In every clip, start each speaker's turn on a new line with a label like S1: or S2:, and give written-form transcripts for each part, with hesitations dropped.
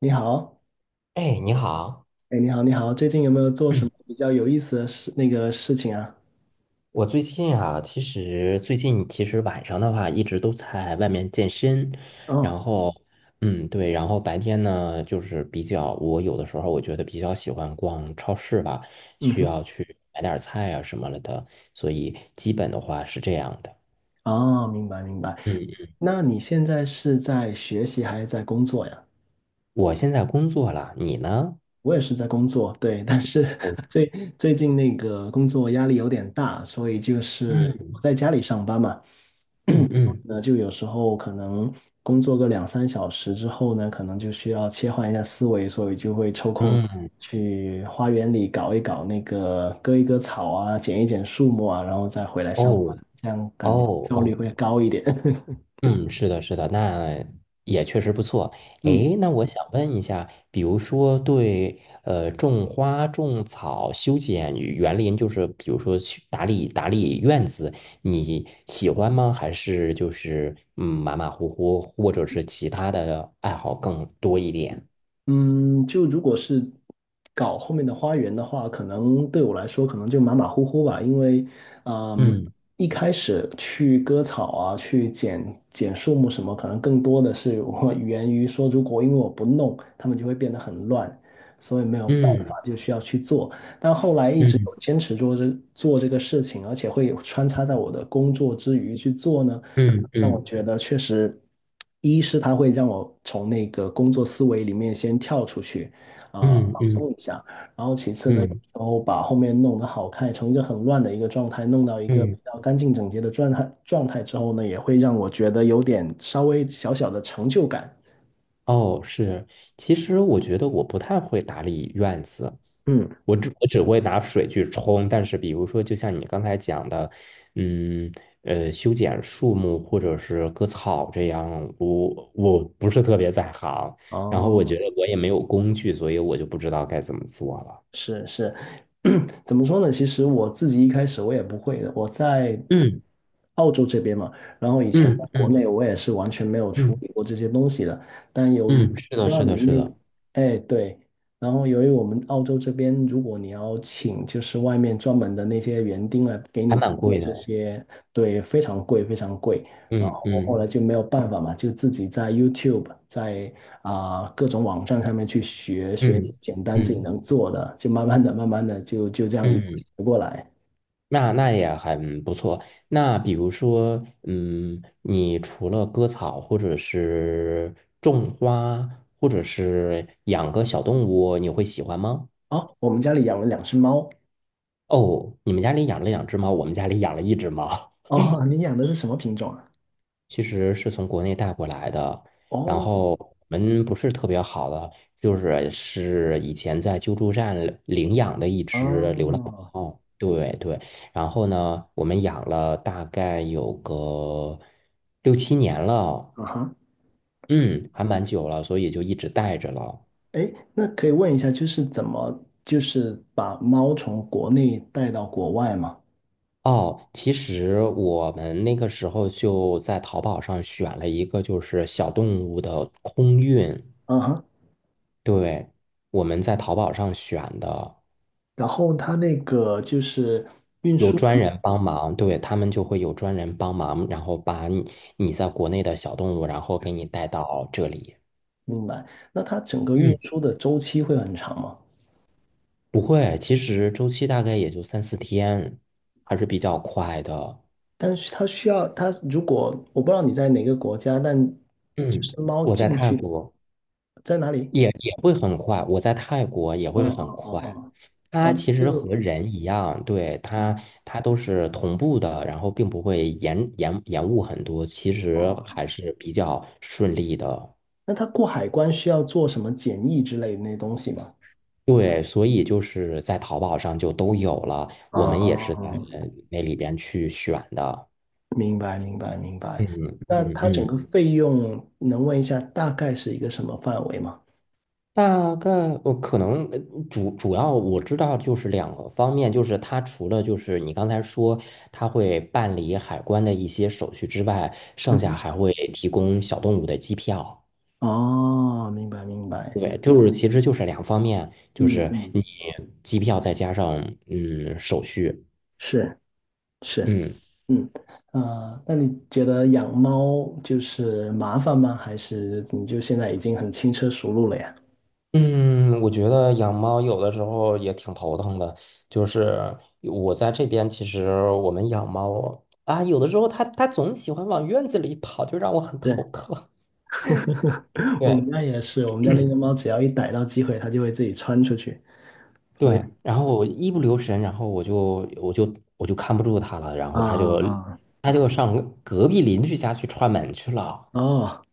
S1: 你好，
S2: 哎，你好，
S1: 哎，你好，你好，最近有没有做什
S2: 嗯，
S1: 么比较有意思的事，那个事情啊？
S2: 我最近啊，其实最近晚上的话一直都在外面健身，
S1: 哦，
S2: 然后嗯对，然后白天呢就是比较，我有的时候我觉得比较喜欢逛超市吧，
S1: 嗯
S2: 需
S1: 哼，
S2: 要去买点儿菜啊什么了的，所以基本的话是这样的。
S1: 哦，明白明白。
S2: 嗯，
S1: 那你现在是在学习还是在工作呀？
S2: 我现在工作了，你呢？
S1: 我也是在工作，对，但是
S2: 哦，
S1: 最最近那个工作压力有点大，所以就是我
S2: 嗯
S1: 在家里上班嘛，
S2: 嗯嗯
S1: 那就有时候可能工作个两三小时之后呢，可能就需要切换一下思维，所以就会抽空
S2: 嗯，
S1: 去花园里搞一搞那个割一割草啊，剪一剪树木啊，然后再回来上
S2: 哦
S1: 班，这样感觉
S2: 哦
S1: 效率
S2: 哦
S1: 会高一点。
S2: 嗯，是的，是的，那也确实不错。
S1: 嗯
S2: 诶，那我想问一下，比如说对种花、种草、修剪园林，就是比如说去打理打理院子，你喜欢吗？还是就是马马虎虎，或者是其他的爱好更多一点？
S1: 嗯，就如果是搞后面的花园的话，可能对我来说可能就马马虎虎吧，因为，嗯，
S2: 嗯
S1: 一开始去割草啊，去剪剪树木什么，可能更多的是我 源于说，如果因为我不弄，他们就会变得很乱，所以没有办
S2: 嗯
S1: 法就需要去做。但后来一直
S2: 嗯
S1: 有坚持做这个事情，而且会有穿插在我的工作之余去做呢，可
S2: 嗯
S1: 能让我
S2: 嗯
S1: 觉得确实，一是它会让我从那个工作思维里面先跳出去，啊、
S2: 嗯
S1: 放
S2: 嗯
S1: 松一下，然后其次呢，
S2: 嗯
S1: 然后把后面弄得好看，从一个很乱的一个状态弄到一个比
S2: 嗯，
S1: 较干净整洁的状态之后呢，也会让我觉得有点稍微小小的成就感，
S2: 哦，是，其实我觉得我不太会打理院子，
S1: 嗯。
S2: 我只会拿水去冲，但是比如说，就像你刚才讲的，嗯，修剪树木或者是割草这样，我不是特别在行，然后我
S1: 哦，
S2: 觉得我也没有工具，所以我就不知道该怎么做了。
S1: 是是，怎么说呢？其实我自己一开始我也不会的，我在
S2: 嗯
S1: 澳洲这边嘛，然后以前
S2: 嗯
S1: 在国
S2: 嗯
S1: 内我也是完全没有处
S2: 嗯
S1: 理过这些东西的。但由于
S2: 嗯，是
S1: 不
S2: 的，
S1: 知道
S2: 是
S1: 你
S2: 的，
S1: 们
S2: 是的，
S1: 那，哎对，然后由于我们澳洲这边，如果你要请就是外面专门的那些园丁来给
S2: 还
S1: 你
S2: 蛮
S1: 做
S2: 贵
S1: 这
S2: 的。
S1: 些，对，非常贵，非常贵。然
S2: 嗯
S1: 后我后
S2: 嗯
S1: 来就没有办法嘛，就自己在 YouTube 在啊、各种网站上面去学学
S2: 嗯
S1: 简单自己
S2: 嗯
S1: 能做的，就慢慢的、慢慢的就这样一步
S2: 嗯。
S1: 学过来。
S2: 那也很不错。那比如说，你除了割草，或者是种花，或者是养个小动物，你会喜欢吗？
S1: 哦，我们家里养了两只猫。
S2: 哦，你们家里养了两只猫，我们家里养了一只猫。
S1: 哦，你养的是什么品种啊？
S2: 其实是从国内带过来的，然
S1: 哦，
S2: 后我们不是特别好的，就是以前在救助站领养的一只流浪
S1: 哦，
S2: 猫，对对，然后呢，我们养了大概有个六七年了，
S1: 啊哈，
S2: 嗯，还蛮久了，所以就一直带着了。
S1: 哎，那可以问一下，就是怎么就是把猫从国内带到国外吗？
S2: 哦，其实我们那个时候就在淘宝上选了一个就是小动物的空运，
S1: 啊哈，
S2: 对，我们在淘宝上选的。
S1: 然后它那个就是
S2: 有专人帮忙，对，他们就会有专人帮忙，然后把你在国内的小动物，然后给你带到这里。
S1: 明白，那它整个运
S2: 嗯，
S1: 输的周期会很长吗？
S2: 不会，其实周期大概也就三四天，还是比较快的。
S1: 但是它需要它，如果我不知道你在哪个国家，但就
S2: 嗯，
S1: 是猫
S2: 我在
S1: 进
S2: 泰
S1: 去的
S2: 国
S1: 在哪里？
S2: 也会很快，我在泰国也
S1: 哦
S2: 会很
S1: 哦哦
S2: 快。
S1: 哦
S2: 它
S1: 哦，那
S2: 其实和
S1: 就
S2: 人一样，对，
S1: 嗯
S2: 它都是同步的，然后并不会延误很多，其实还
S1: 哦，
S2: 是比较顺利的。
S1: 那它过海关需要做什么检疫之类的那些东西吗？
S2: 对，所以就是在淘宝上就都有了，我们也是在
S1: 哦，
S2: 那里边去选的。
S1: 明白明白明白。
S2: 嗯
S1: 那
S2: 嗯
S1: 它整个
S2: 嗯，
S1: 费用能问一下大概是一个什么范围吗？
S2: 大概我可能主要我知道就是两个方面，就是它除了就是你刚才说它会办理海关的一些手续之外，剩
S1: 嗯
S2: 下
S1: 哼，
S2: 还会提供小动物的机票。
S1: 哦，明白明白，
S2: 对，就是其实就是两方面，就
S1: 嗯
S2: 是
S1: 嗯，
S2: 你机票再加上手续，
S1: 是是。
S2: 嗯，
S1: 嗯，啊，那你觉得养猫就是麻烦吗？还是你就现在已经很轻车熟路了呀？
S2: 嗯，我觉得养猫有的时候也挺头疼的，就是我在这边，其实我们养猫啊，有的时候它总喜欢往院子里跑，就让我很
S1: 对，
S2: 头疼。
S1: 我
S2: 对
S1: 们家也是，我们家那只猫只要一逮到机会，它就会自己窜出去。
S2: 对，然后我一不留神，然后我就看不住它了，然
S1: 啊
S2: 后它就
S1: 啊啊，
S2: 它就上隔壁邻居家去串门去了。
S1: 哦，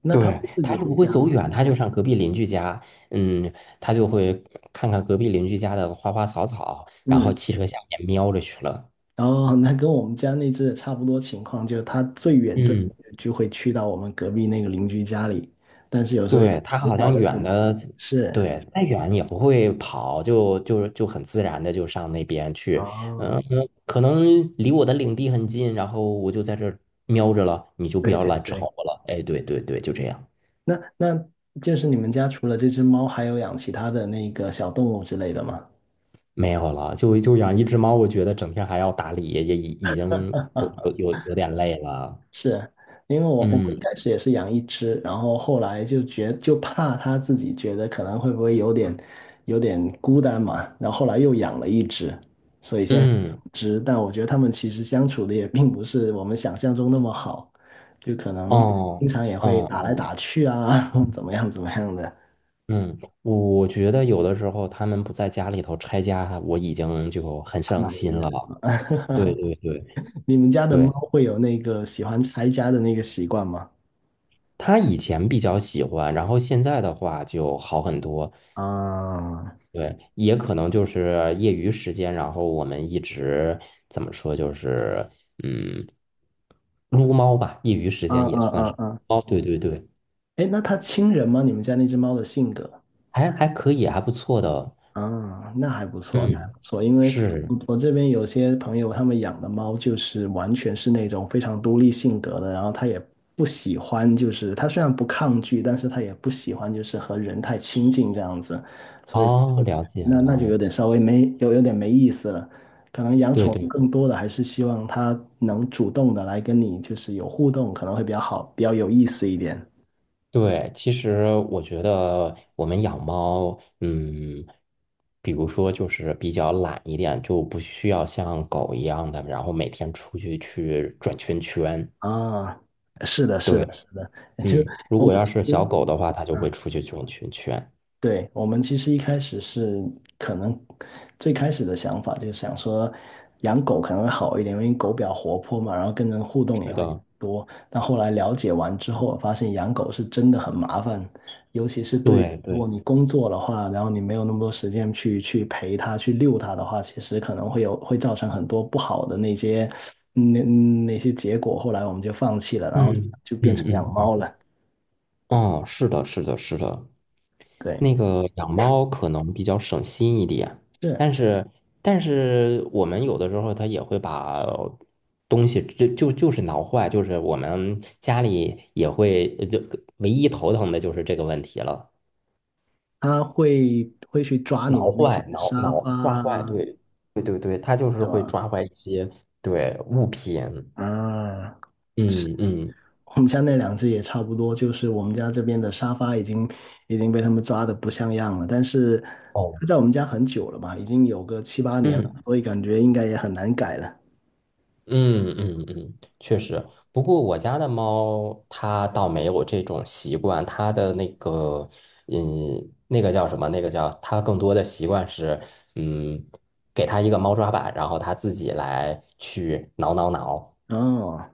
S1: 那它
S2: 对，
S1: 会自
S2: 它
S1: 己
S2: 又
S1: 回
S2: 不会
S1: 家
S2: 走
S1: 吗？
S2: 远，它就上隔壁邻居家，嗯，它就会看看隔壁邻居家的花花草草，然后
S1: 嗯，
S2: 汽车下面瞄着去了。
S1: 哦，那跟我们家那只也差不多情况，就是它最远最
S2: 嗯，
S1: 远就会去到我们隔壁那个邻居家里，但是有时候
S2: 对，
S1: 也
S2: 它
S1: 也
S2: 好
S1: 搞
S2: 像
S1: 得
S2: 远
S1: 挺，
S2: 的，
S1: 是，
S2: 对，再远也不会跑，就很自然的就上那边去。嗯，
S1: 哦，
S2: 可能离我的领地很近，然后我就在这儿瞄着了，你就不
S1: 对
S2: 要
S1: 对
S2: 来吵
S1: 对，
S2: 我了。哎，对对对，就这样，
S1: 那那就是你们家除了这只猫，还有养其他的那个小动物之类的吗？
S2: 没有了，就养一只猫，我觉得整天还要打理，也已经有点累了。
S1: 因为我们
S2: 嗯
S1: 一开始也是养一只，然后后来就觉就怕它自己觉得可能会不会有点有点孤单嘛，然后后来又养了一只，所以现在是两
S2: 嗯，
S1: 只，但我觉得它们其实相处的也并不是我们想象中那么好，就可能经
S2: 哦
S1: 常也会
S2: 哦
S1: 打来
S2: 哦
S1: 打去啊，怎么样怎么样的，
S2: 嗯，我觉得有的时候他们不在家里头拆家，我已经就很伤
S1: 蛮埋
S2: 心了。
S1: 的。
S2: 对 对对
S1: 你们家的猫
S2: 对，
S1: 会有那个喜欢拆家的那个习惯吗？
S2: 他以前比较喜欢，然后现在的话就好很多。
S1: 啊，
S2: 对，也可能就是业余时间，然后我们一直怎么说，就是嗯，撸猫吧，业余时
S1: 啊
S2: 间也
S1: 啊
S2: 算是。
S1: 啊啊！
S2: 哦，对对对，
S1: 哎，那它亲人吗？你们家那只猫的性格？
S2: 还可以，还不错的。
S1: 啊，那还不错，那还
S2: 嗯，
S1: 不错。因为
S2: 是，
S1: 我这边有些朋友，他们养的猫就是完全是那种非常独立性格的，然后它也不喜欢，就是它虽然不抗拒，但是它也不喜欢就是和人太亲近这样子，所以
S2: 哦，
S1: 我
S2: 了解
S1: 那那就
S2: 了。
S1: 有点稍微没有有点没意思了。可能养
S2: 对
S1: 宠物
S2: 对。
S1: 更多的还是希望它能主动的来跟你就是有互动，可能会比较好，比较有意思一点。
S2: 对，其实我觉得我们养猫，比如说就是比较懒一点，就不需要像狗一样的，然后每天出去转圈圈。
S1: 啊，是的，是
S2: 对，
S1: 的，是的，就
S2: 如
S1: 我
S2: 果
S1: 们
S2: 要
S1: 其
S2: 是小
S1: 实，
S2: 狗的话，它就会
S1: 嗯，
S2: 出去转圈圈。
S1: 对，我们其实一开始是可能最开始的想法就是想说养狗可能会好一点，因为狗比较活泼嘛，然后跟人互动也
S2: 是
S1: 会
S2: 的，
S1: 多。但后来了解完之后，发现养狗是真的很麻烦，尤其是对于
S2: 对
S1: 如果
S2: 对，
S1: 你工作的话，然后你没有那么多时间去陪它、去遛它的话，其实可能会有会造成很多不好的那些那嗯那些结果。后来我们就放弃了，然后
S2: 嗯
S1: 就
S2: 嗯
S1: 变成养
S2: 嗯嗯，
S1: 猫了。
S2: 哦，是的，是的，是的，
S1: 对，
S2: 那个养猫可能比较省心一点，
S1: 是。
S2: 但是但是我们有的时候它也会把东西就是挠坏，就是我们家里也会就唯一头疼的就是这个问题了，
S1: 他会去抓你们
S2: 挠
S1: 那些
S2: 坏、挠
S1: 沙
S2: 挠
S1: 发
S2: 抓坏，
S1: 啊，
S2: 对对对对，它就是
S1: 对
S2: 会
S1: 吧？
S2: 抓坏一些对物品，
S1: 啊，是
S2: 嗯嗯
S1: 我们家那两只也差不多，就是我们家这边的沙发已经被他们抓的不像样了，但是
S2: 哦
S1: 它在我们家很久了吧，已经有个七八年了，
S2: 嗯。
S1: 所以感觉应该也很难改了。
S2: 嗯嗯嗯，确实。不过我家的猫它倒没有这种习惯，它的那个，嗯，那个叫什么？那个叫它更多的习惯是，嗯，给它一个猫抓板，然后它自己来去挠挠挠。
S1: 哦，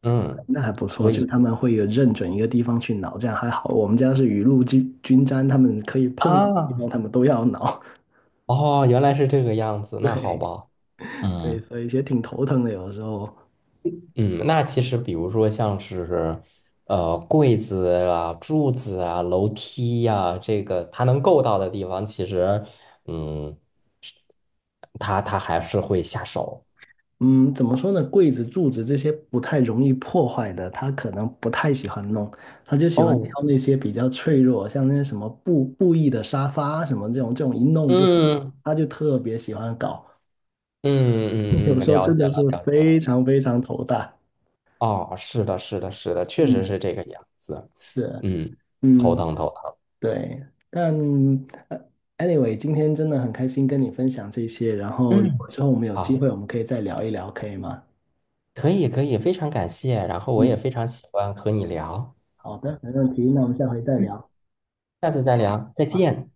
S2: 嗯，
S1: 那还不错，
S2: 所
S1: 就
S2: 以
S1: 他们会有认准一个地方去挠，这样还好。我们家是雨露均沾，他们可以碰的地
S2: 啊，
S1: 方，他们都要挠。
S2: 哦，原来是这个样 子，那好
S1: 对
S2: 吧。
S1: 对，
S2: 嗯。
S1: 所以也挺头疼的，有的时候。
S2: 嗯，那其实比如说像是，柜子啊、柱子啊、楼梯呀、这个它能够到的地方，其实，嗯，是它还是会下手。
S1: 嗯，怎么说呢？柜子、柱子这些不太容易破坏的，他可能不太喜欢弄，他就喜欢
S2: 哦，
S1: 挑那些比较脆弱，像那些什么布艺的沙发什么这种，这种一弄就，
S2: 嗯
S1: 他就特别喜欢搞，
S2: 嗯 嗯
S1: 有
S2: 嗯，
S1: 时候
S2: 了
S1: 真
S2: 解
S1: 的
S2: 了，
S1: 是
S2: 了解
S1: 非
S2: 了。
S1: 常非常头大。
S2: 哦，是的，是的，是的，确实
S1: 嗯，
S2: 是这个样子。
S1: 是，
S2: 嗯，头
S1: 嗯，
S2: 疼头疼。
S1: 对，但呃 anyway，今天真的很开心跟你分享这些，然后如果
S2: 嗯，
S1: 之后我们有机
S2: 好，
S1: 会，我们可以再聊一聊，可以吗？
S2: 可以可以，非常感谢。然后我也
S1: 嗯，
S2: 非常喜欢和你聊，
S1: 好的，没问题，那我们下回再
S2: 嗯，
S1: 聊。
S2: 下次再聊，再
S1: 好
S2: 见。